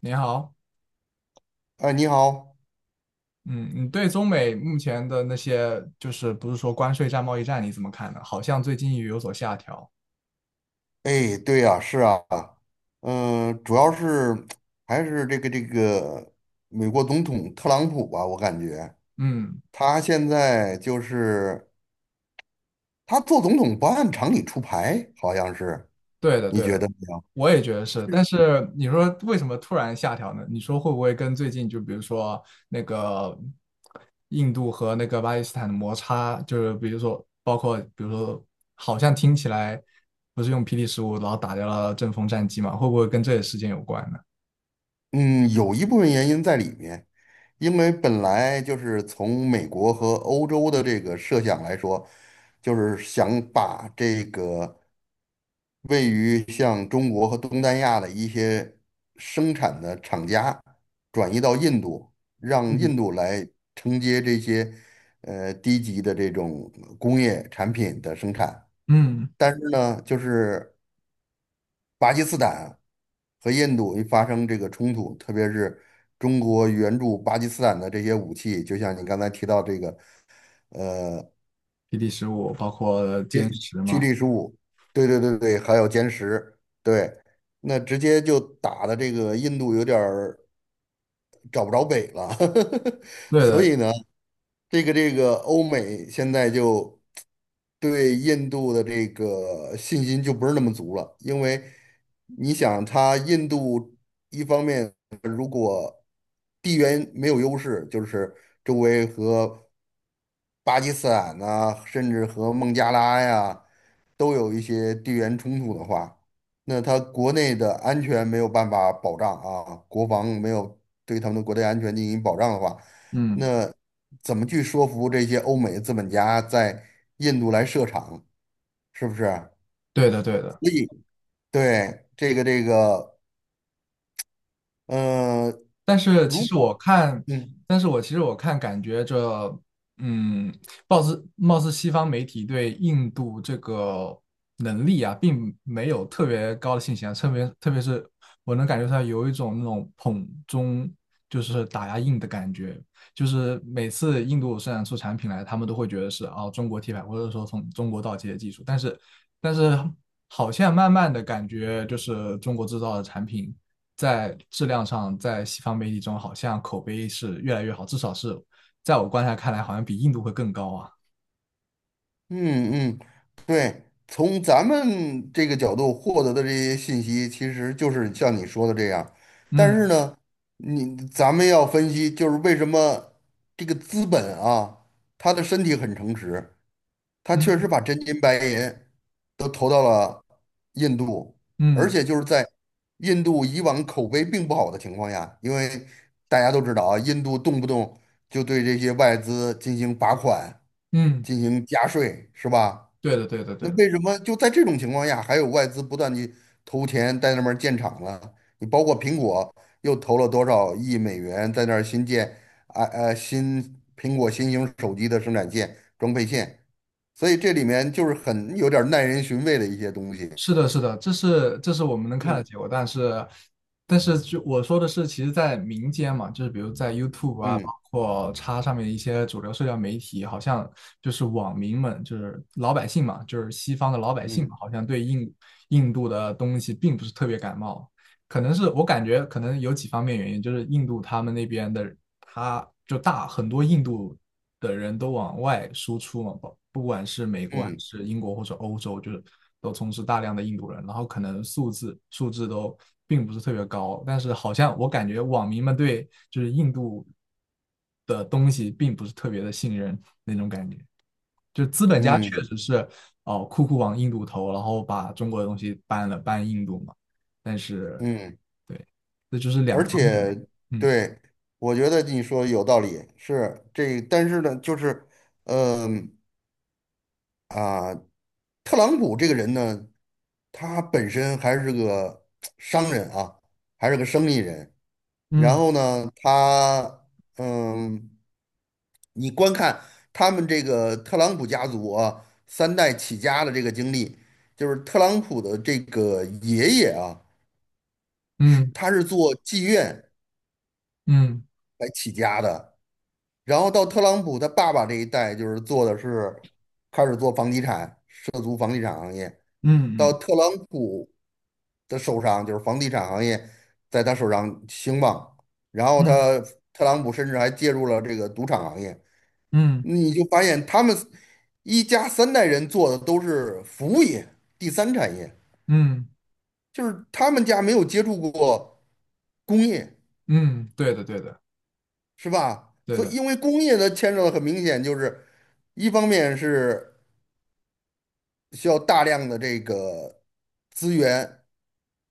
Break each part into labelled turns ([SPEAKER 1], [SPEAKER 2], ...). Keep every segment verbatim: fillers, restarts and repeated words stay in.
[SPEAKER 1] 你好，
[SPEAKER 2] 哎，你好。
[SPEAKER 1] 嗯，你对中美目前的那些，就是不是说关税战、贸易战，你怎么看呢？好像最近也有所下调。
[SPEAKER 2] 哎，对呀，是啊。嗯，主要是还是这个这个美国总统特朗普吧，我感觉
[SPEAKER 1] 嗯，
[SPEAKER 2] 他现在就是他做总统不按常理出牌，好像是。
[SPEAKER 1] 对的，
[SPEAKER 2] 你
[SPEAKER 1] 对
[SPEAKER 2] 觉
[SPEAKER 1] 的，
[SPEAKER 2] 得呢？
[SPEAKER 1] 我也觉得是。但是你说为什么突然下调呢？你说会不会跟最近就比如说那个印度和那个巴基斯坦的摩擦，就是比如说包括比如说，好像听起来不是用 P D 十五，然后打掉了阵风战机嘛？会不会跟这个事件有关呢？
[SPEAKER 2] 嗯，有一部分原因在里面。因为本来就是从美国和欧洲的这个设想来说，就是想把这个位于像中国和东南亚的一些生产的厂家转移到印度，让
[SPEAKER 1] 嗯，
[SPEAKER 2] 印度来承接这些呃低级的这种工业产品的生产。
[SPEAKER 1] 嗯，
[SPEAKER 2] 但是呢，就是巴基斯坦和印度一发生这个冲突，特别是中国援助巴基斯坦的这些武器，就像你刚才提到这个
[SPEAKER 1] p d 十五包括歼十
[SPEAKER 2] 驱
[SPEAKER 1] 嘛。
[SPEAKER 2] 力十五，对对对对，还有歼十。对，那直接就打的这个印度有点儿找不着北了。
[SPEAKER 1] 对
[SPEAKER 2] 所
[SPEAKER 1] 的，
[SPEAKER 2] 以呢，这个这个欧美现在就对印度的这个信心就不是那么足了。因为你想，它印度一方面。地缘没有优势，就是周围和巴基斯坦呐、甚至和孟加拉呀，都有一些地缘冲突的话，那他国内的安全没有办法保障啊，国防没有对他们的国内安全进行保障的话，
[SPEAKER 1] 嗯，
[SPEAKER 2] 怎么去说服这些欧美资本家在印度来设厂？是不是？
[SPEAKER 1] 对的，对的。
[SPEAKER 2] 对，这个这个，呃，
[SPEAKER 1] 但是其
[SPEAKER 2] 如
[SPEAKER 1] 实
[SPEAKER 2] 果。
[SPEAKER 1] 我看，
[SPEAKER 2] 嗯。
[SPEAKER 1] 但是我其实我看，感觉这，嗯，貌似貌似西方媒体对印度这个能力啊，并没有特别高的信心啊，特别特别是我能感觉出来有一种那种捧中就是打压印的感觉，就是每次印度生产出产品来，他们都会觉得是哦中国替代，或者说从中国盗窃的技术，但是但是好像慢慢的感觉就是中国制造的产品在质量上，在西方媒体中好像口碑是越来越好，至少是在我观察看来，好像比印度会更高啊。
[SPEAKER 2] 嗯嗯，对，从咱们这个角度获得的这些信息，其实就是像你说的这样。但是
[SPEAKER 1] 嗯
[SPEAKER 2] 呢，你咱们要分析，就是为什么这个资本啊，他的身体很诚实，他确实
[SPEAKER 1] 嗯
[SPEAKER 2] 把真金白银都投到了印度，而
[SPEAKER 1] 嗯
[SPEAKER 2] 且就是在印度以往口碑并不好的情况下，因为大家都知道啊，印度动不动就对这些外资进行罚款、
[SPEAKER 1] 嗯，
[SPEAKER 2] 进行加税，是吧？
[SPEAKER 1] 对的对的对
[SPEAKER 2] 那
[SPEAKER 1] 的。
[SPEAKER 2] 为什么就在这种情况下，还有外资不断去投钱在那边儿建厂呢？你包括苹果又投了多少亿美元在那儿新建啊呃新苹果新型手机的生产线装配线，所以这里面就是很有点儿耐人寻味的一些东西。
[SPEAKER 1] 是的，是的，这是这是我们能看
[SPEAKER 2] 嗯
[SPEAKER 1] 的结果，但是，但是就我说的是，其实，在民间嘛，就是比如在 YouTube 啊，包
[SPEAKER 2] 嗯
[SPEAKER 1] 括叉上面一些主流社交媒体，好像就是网民们，就是老百姓嘛，就是西方的老百姓
[SPEAKER 2] 嗯
[SPEAKER 1] 嘛好像对印印度的东西并不是特别感冒，可能是我感觉可能有几方面原因，就是印度他们那边的他就大很多印度的人都往外输出嘛，不不管是美国还
[SPEAKER 2] 嗯
[SPEAKER 1] 是英国或者欧洲，就是都充斥大量的印度人，然后可能素质素质都并不是特别高，但是好像我感觉网民们对就是印度的东西并不是特别的信任那种感觉，就资本家确
[SPEAKER 2] 嗯
[SPEAKER 1] 实是哦酷酷往印度投，然后把中国的东西搬了搬印度嘛，但是
[SPEAKER 2] 嗯，
[SPEAKER 1] 对，
[SPEAKER 2] 而且对，我觉得你说有道理，是这，但是呢，就是，嗯、啊，特朗普这个人呢，他本身还是个 商人啊，还是个生意人。然
[SPEAKER 1] 嗯
[SPEAKER 2] 后呢，他嗯，你观看他们这个特朗普家族啊，三代起家的这个经历，就是特朗普的这个爷爷啊，是
[SPEAKER 1] 嗯
[SPEAKER 2] 他是做妓院
[SPEAKER 1] 嗯
[SPEAKER 2] 来起家的，然后到特朗普他爸爸这一代，就是做的是开始做房地产，涉足房地产行业。
[SPEAKER 1] 嗯嗯嗯
[SPEAKER 2] 到
[SPEAKER 1] 嗯。
[SPEAKER 2] 特朗普的手上，就是房地产行业在他手上兴旺，然后
[SPEAKER 1] 嗯
[SPEAKER 2] 他特朗普甚至还介入了这个赌场行业，
[SPEAKER 1] 嗯
[SPEAKER 2] 你就发现他们一家三代人做的都是服务业、第三产业，
[SPEAKER 1] 嗯
[SPEAKER 2] 就是他们家没有接触过工业，
[SPEAKER 1] 嗯，对的对的
[SPEAKER 2] 是吧？
[SPEAKER 1] 对
[SPEAKER 2] 所以
[SPEAKER 1] 的，
[SPEAKER 2] 因为工业的牵扯的很明显，就是一方面是。需要大量的这个资源，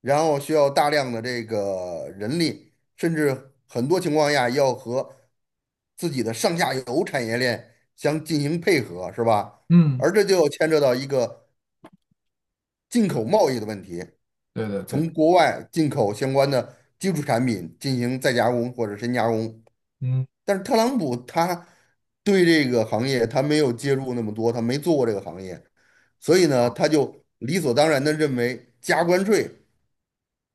[SPEAKER 2] 然后需要大量的这个人力，甚至很多情况下要和自己的上下游产业链相进行配合，是吧？
[SPEAKER 1] 嗯
[SPEAKER 2] 而这就牵扯到一个进口贸易的问题，
[SPEAKER 1] 对的对的，
[SPEAKER 2] 从国外进口相关的基础产品进行再加工或者深加工。
[SPEAKER 1] 嗯
[SPEAKER 2] 但是特朗普他对这个行业他没有介入那么多，他没做过这个行业。所以呢，他就理所当然的认为加关税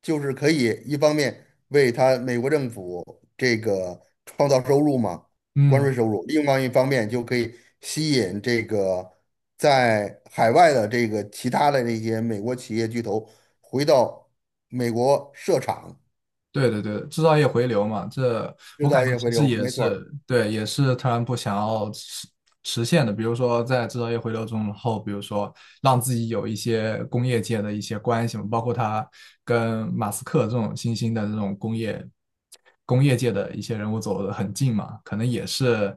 [SPEAKER 2] 就是可以一方面为他美国政府这个创造收入嘛，关
[SPEAKER 1] 嗯。
[SPEAKER 2] 税收入，另外一方面就可以吸引这个在海外的这个其他的那些美国企业巨头回到美国设厂，
[SPEAKER 1] 对对对，制造业回流嘛，这
[SPEAKER 2] 制
[SPEAKER 1] 我感
[SPEAKER 2] 造
[SPEAKER 1] 觉
[SPEAKER 2] 业
[SPEAKER 1] 其
[SPEAKER 2] 回
[SPEAKER 1] 实
[SPEAKER 2] 流，
[SPEAKER 1] 也
[SPEAKER 2] 没错儿。
[SPEAKER 1] 是对，也是特朗普想要实实现的。比如说，在制造业回流中后，比如说让自己有一些工业界的一些关系嘛，包括他跟马斯克这种新兴的这种工业工业界的一些人物走得很近嘛，可能也是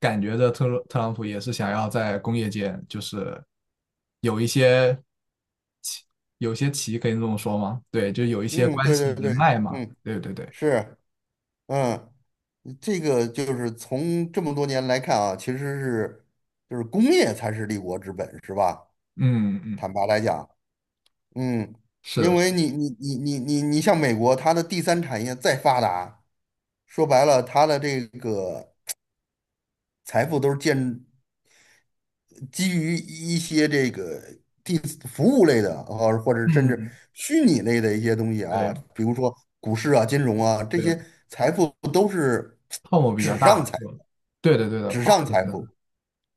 [SPEAKER 1] 感觉着特特朗普也是想要在工业界就是有一些奇，有一些棋可以这么说吗？对，就有一些
[SPEAKER 2] 嗯，
[SPEAKER 1] 关
[SPEAKER 2] 对
[SPEAKER 1] 系
[SPEAKER 2] 对
[SPEAKER 1] 人
[SPEAKER 2] 对。
[SPEAKER 1] 脉嘛。
[SPEAKER 2] 嗯，
[SPEAKER 1] 对对对，
[SPEAKER 2] 是。嗯，这个就是从这么多年来看啊，其实是就是工业才是立国之本，是吧？
[SPEAKER 1] 嗯嗯，
[SPEAKER 2] 坦白来讲，嗯，
[SPEAKER 1] 是
[SPEAKER 2] 因为
[SPEAKER 1] 的，
[SPEAKER 2] 你你你你你你像美国，它的第三产业再发达，说白了，它的这个财富都是建基于一些这个第服务类的啊，或者甚至
[SPEAKER 1] 嗯，
[SPEAKER 2] 虚拟类的一些东西啊，
[SPEAKER 1] 对
[SPEAKER 2] 比如说股市啊、金融啊，这
[SPEAKER 1] 对，
[SPEAKER 2] 些财富都是
[SPEAKER 1] 泡沫比较
[SPEAKER 2] 纸上
[SPEAKER 1] 大，
[SPEAKER 2] 财，
[SPEAKER 1] 是吧？对的对的，
[SPEAKER 2] 纸
[SPEAKER 1] 泡
[SPEAKER 2] 上
[SPEAKER 1] 沫
[SPEAKER 2] 财
[SPEAKER 1] 比较
[SPEAKER 2] 富。
[SPEAKER 1] 大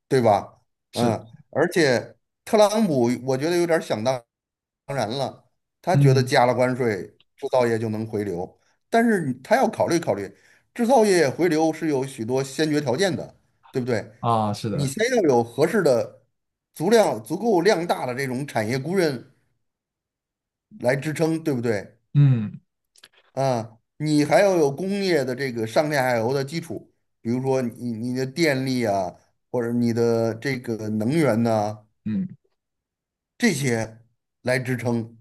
[SPEAKER 2] 对吧？
[SPEAKER 1] 是的，
[SPEAKER 2] 嗯，而且特朗普我觉得有点儿想当然了，他觉得
[SPEAKER 1] 嗯
[SPEAKER 2] 加了关税，制造业就能回流，但是你他要考虑考虑，制造业回流是有许多先决条件的，对不对？
[SPEAKER 1] 啊，是
[SPEAKER 2] 你
[SPEAKER 1] 的，
[SPEAKER 2] 先要有合适的、足量足够量大的这种产业工人来支撑，对不对？
[SPEAKER 1] 嗯
[SPEAKER 2] 啊，你还要有工业的这个上下游的基础，比如说你你的电力啊，或者你的这个能源呐、
[SPEAKER 1] 嗯，
[SPEAKER 2] 这些来支撑。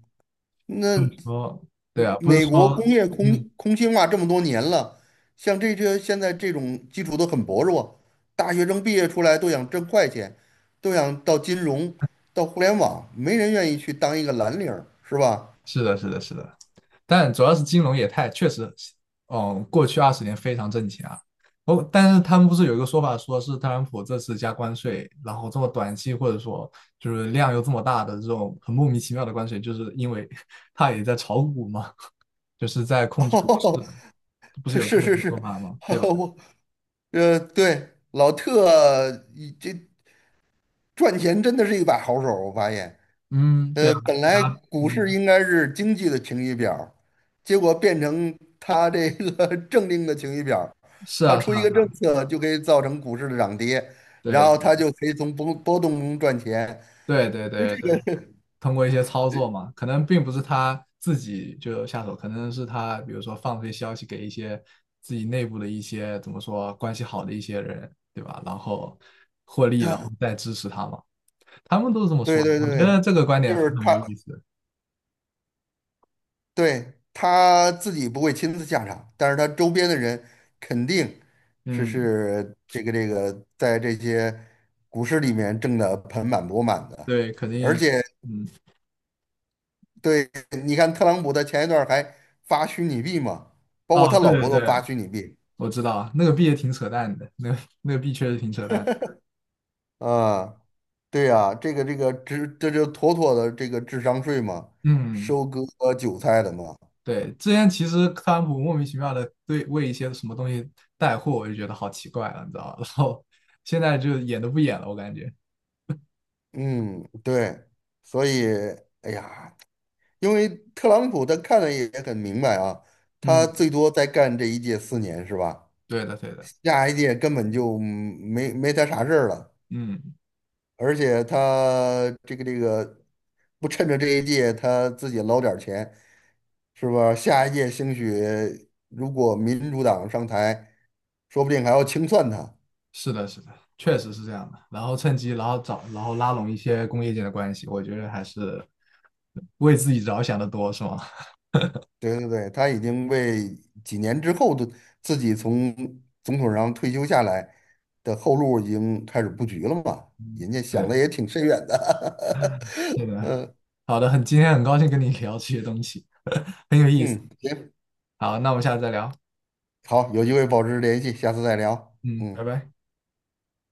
[SPEAKER 1] 不是
[SPEAKER 2] 那
[SPEAKER 1] 说，对啊，不是
[SPEAKER 2] 美国
[SPEAKER 1] 说，
[SPEAKER 2] 工业
[SPEAKER 1] 嗯，
[SPEAKER 2] 空空心化这么多年了，像这些现在这种基础都很薄弱，大学生毕业出来都想挣快钱，都想到金融、到互联网，没人愿意去当一个蓝领儿，是吧？
[SPEAKER 1] 是的是的是的，但主要是金融业态确实，嗯，过去二十年非常挣钱啊。哦，但是他们不是有一个说法，说是特朗普这次加关税，然后这么短期或者说就是量又这么大的这种很莫名其妙的关税，就是因为 他也在炒股嘛。就是在 控制股市，
[SPEAKER 2] 哦，
[SPEAKER 1] 不是有这
[SPEAKER 2] 是
[SPEAKER 1] 么一
[SPEAKER 2] 是
[SPEAKER 1] 个
[SPEAKER 2] 是，
[SPEAKER 1] 说法吗？对 吧？
[SPEAKER 2] 我呃，对，老特这赚钱真的是一把好手，我发现。
[SPEAKER 1] 嗯，对
[SPEAKER 2] 呃，
[SPEAKER 1] 啊，
[SPEAKER 2] 本来
[SPEAKER 1] 啊，
[SPEAKER 2] 股市
[SPEAKER 1] 嗯，
[SPEAKER 2] 应该是经济的晴雨表儿结果变成它这个 政令的晴雨表儿。
[SPEAKER 1] 是
[SPEAKER 2] 它
[SPEAKER 1] 啊，是
[SPEAKER 2] 出一
[SPEAKER 1] 啊，
[SPEAKER 2] 个
[SPEAKER 1] 是
[SPEAKER 2] 政
[SPEAKER 1] 啊，
[SPEAKER 2] 策就可以造成股市的涨跌，然
[SPEAKER 1] 对，
[SPEAKER 2] 后它就可以从波波动中赚钱。
[SPEAKER 1] 对，对，对，对，通过一些操作嘛，可能并不是他自己就下手，可能是他比如说放出一些消息给一些自己内部的一些怎么说关系好的一些人，对吧？然后获利，然后
[SPEAKER 2] 它
[SPEAKER 1] 再支持他嘛，他们都是这么说
[SPEAKER 2] 对
[SPEAKER 1] 的，
[SPEAKER 2] 对
[SPEAKER 1] 我觉
[SPEAKER 2] 对，
[SPEAKER 1] 得这个观
[SPEAKER 2] 就
[SPEAKER 1] 点非
[SPEAKER 2] 是
[SPEAKER 1] 常有
[SPEAKER 2] 他
[SPEAKER 1] 意思。
[SPEAKER 2] 对他自己不会亲自下场，但是他周边的人肯定是
[SPEAKER 1] 嗯，
[SPEAKER 2] 是这个这个在这些股市里面挣得盆满钵满的，
[SPEAKER 1] 对，肯
[SPEAKER 2] 而
[SPEAKER 1] 定，
[SPEAKER 2] 且。
[SPEAKER 1] 嗯，
[SPEAKER 2] 对，你看特朗普他前一段儿还发虚拟币嘛，包括
[SPEAKER 1] 哦，
[SPEAKER 2] 他
[SPEAKER 1] 对
[SPEAKER 2] 老
[SPEAKER 1] 对
[SPEAKER 2] 婆都
[SPEAKER 1] 对，
[SPEAKER 2] 发虚拟币。
[SPEAKER 1] 我知道啊那个币也挺扯淡的，那个那个币确实挺扯淡的
[SPEAKER 2] 啊，对呀，这个这个这这就妥妥的这个智商税嘛，
[SPEAKER 1] 嗯，
[SPEAKER 2] 收割韭菜的嘛。
[SPEAKER 1] 对，之前其实特朗普莫名其妙的对为一些什么东西带货，我就觉得好奇怪了，你知道吧？然后现在就演都不演了，我感觉。
[SPEAKER 2] 嗯，对，所以，哎呀，因为特朗普他看的也很明白啊，他
[SPEAKER 1] 嗯，
[SPEAKER 2] 最多再干这一届四年是吧？
[SPEAKER 1] 对的，对的，
[SPEAKER 2] 下一届根本就没没他啥事儿了。
[SPEAKER 1] 嗯，
[SPEAKER 2] 而且他这个这个不趁着这一届他自己捞点儿钱，是吧？下一届兴许如果民主党上台，说不定还要清算他。
[SPEAKER 1] 是的，是的，确实是这样的。然后趁机，然后找，然后拉拢一些工业界的关系，我觉得还是为自己着想的多，是吗？
[SPEAKER 2] 对对对，他已经为几年之后的自己从总统上退休下来的后路已经开始布局了嘛，人家 想
[SPEAKER 1] 对，
[SPEAKER 2] 的也挺深远的。
[SPEAKER 1] 对 的。好的，很，今天很高兴跟你聊这些东西，很有意思。
[SPEAKER 2] 嗯，行，
[SPEAKER 1] 好，那我们下次再聊。
[SPEAKER 2] 好，有机会保持联系，下次再聊。
[SPEAKER 1] 嗯，拜
[SPEAKER 2] 嗯。
[SPEAKER 1] 拜。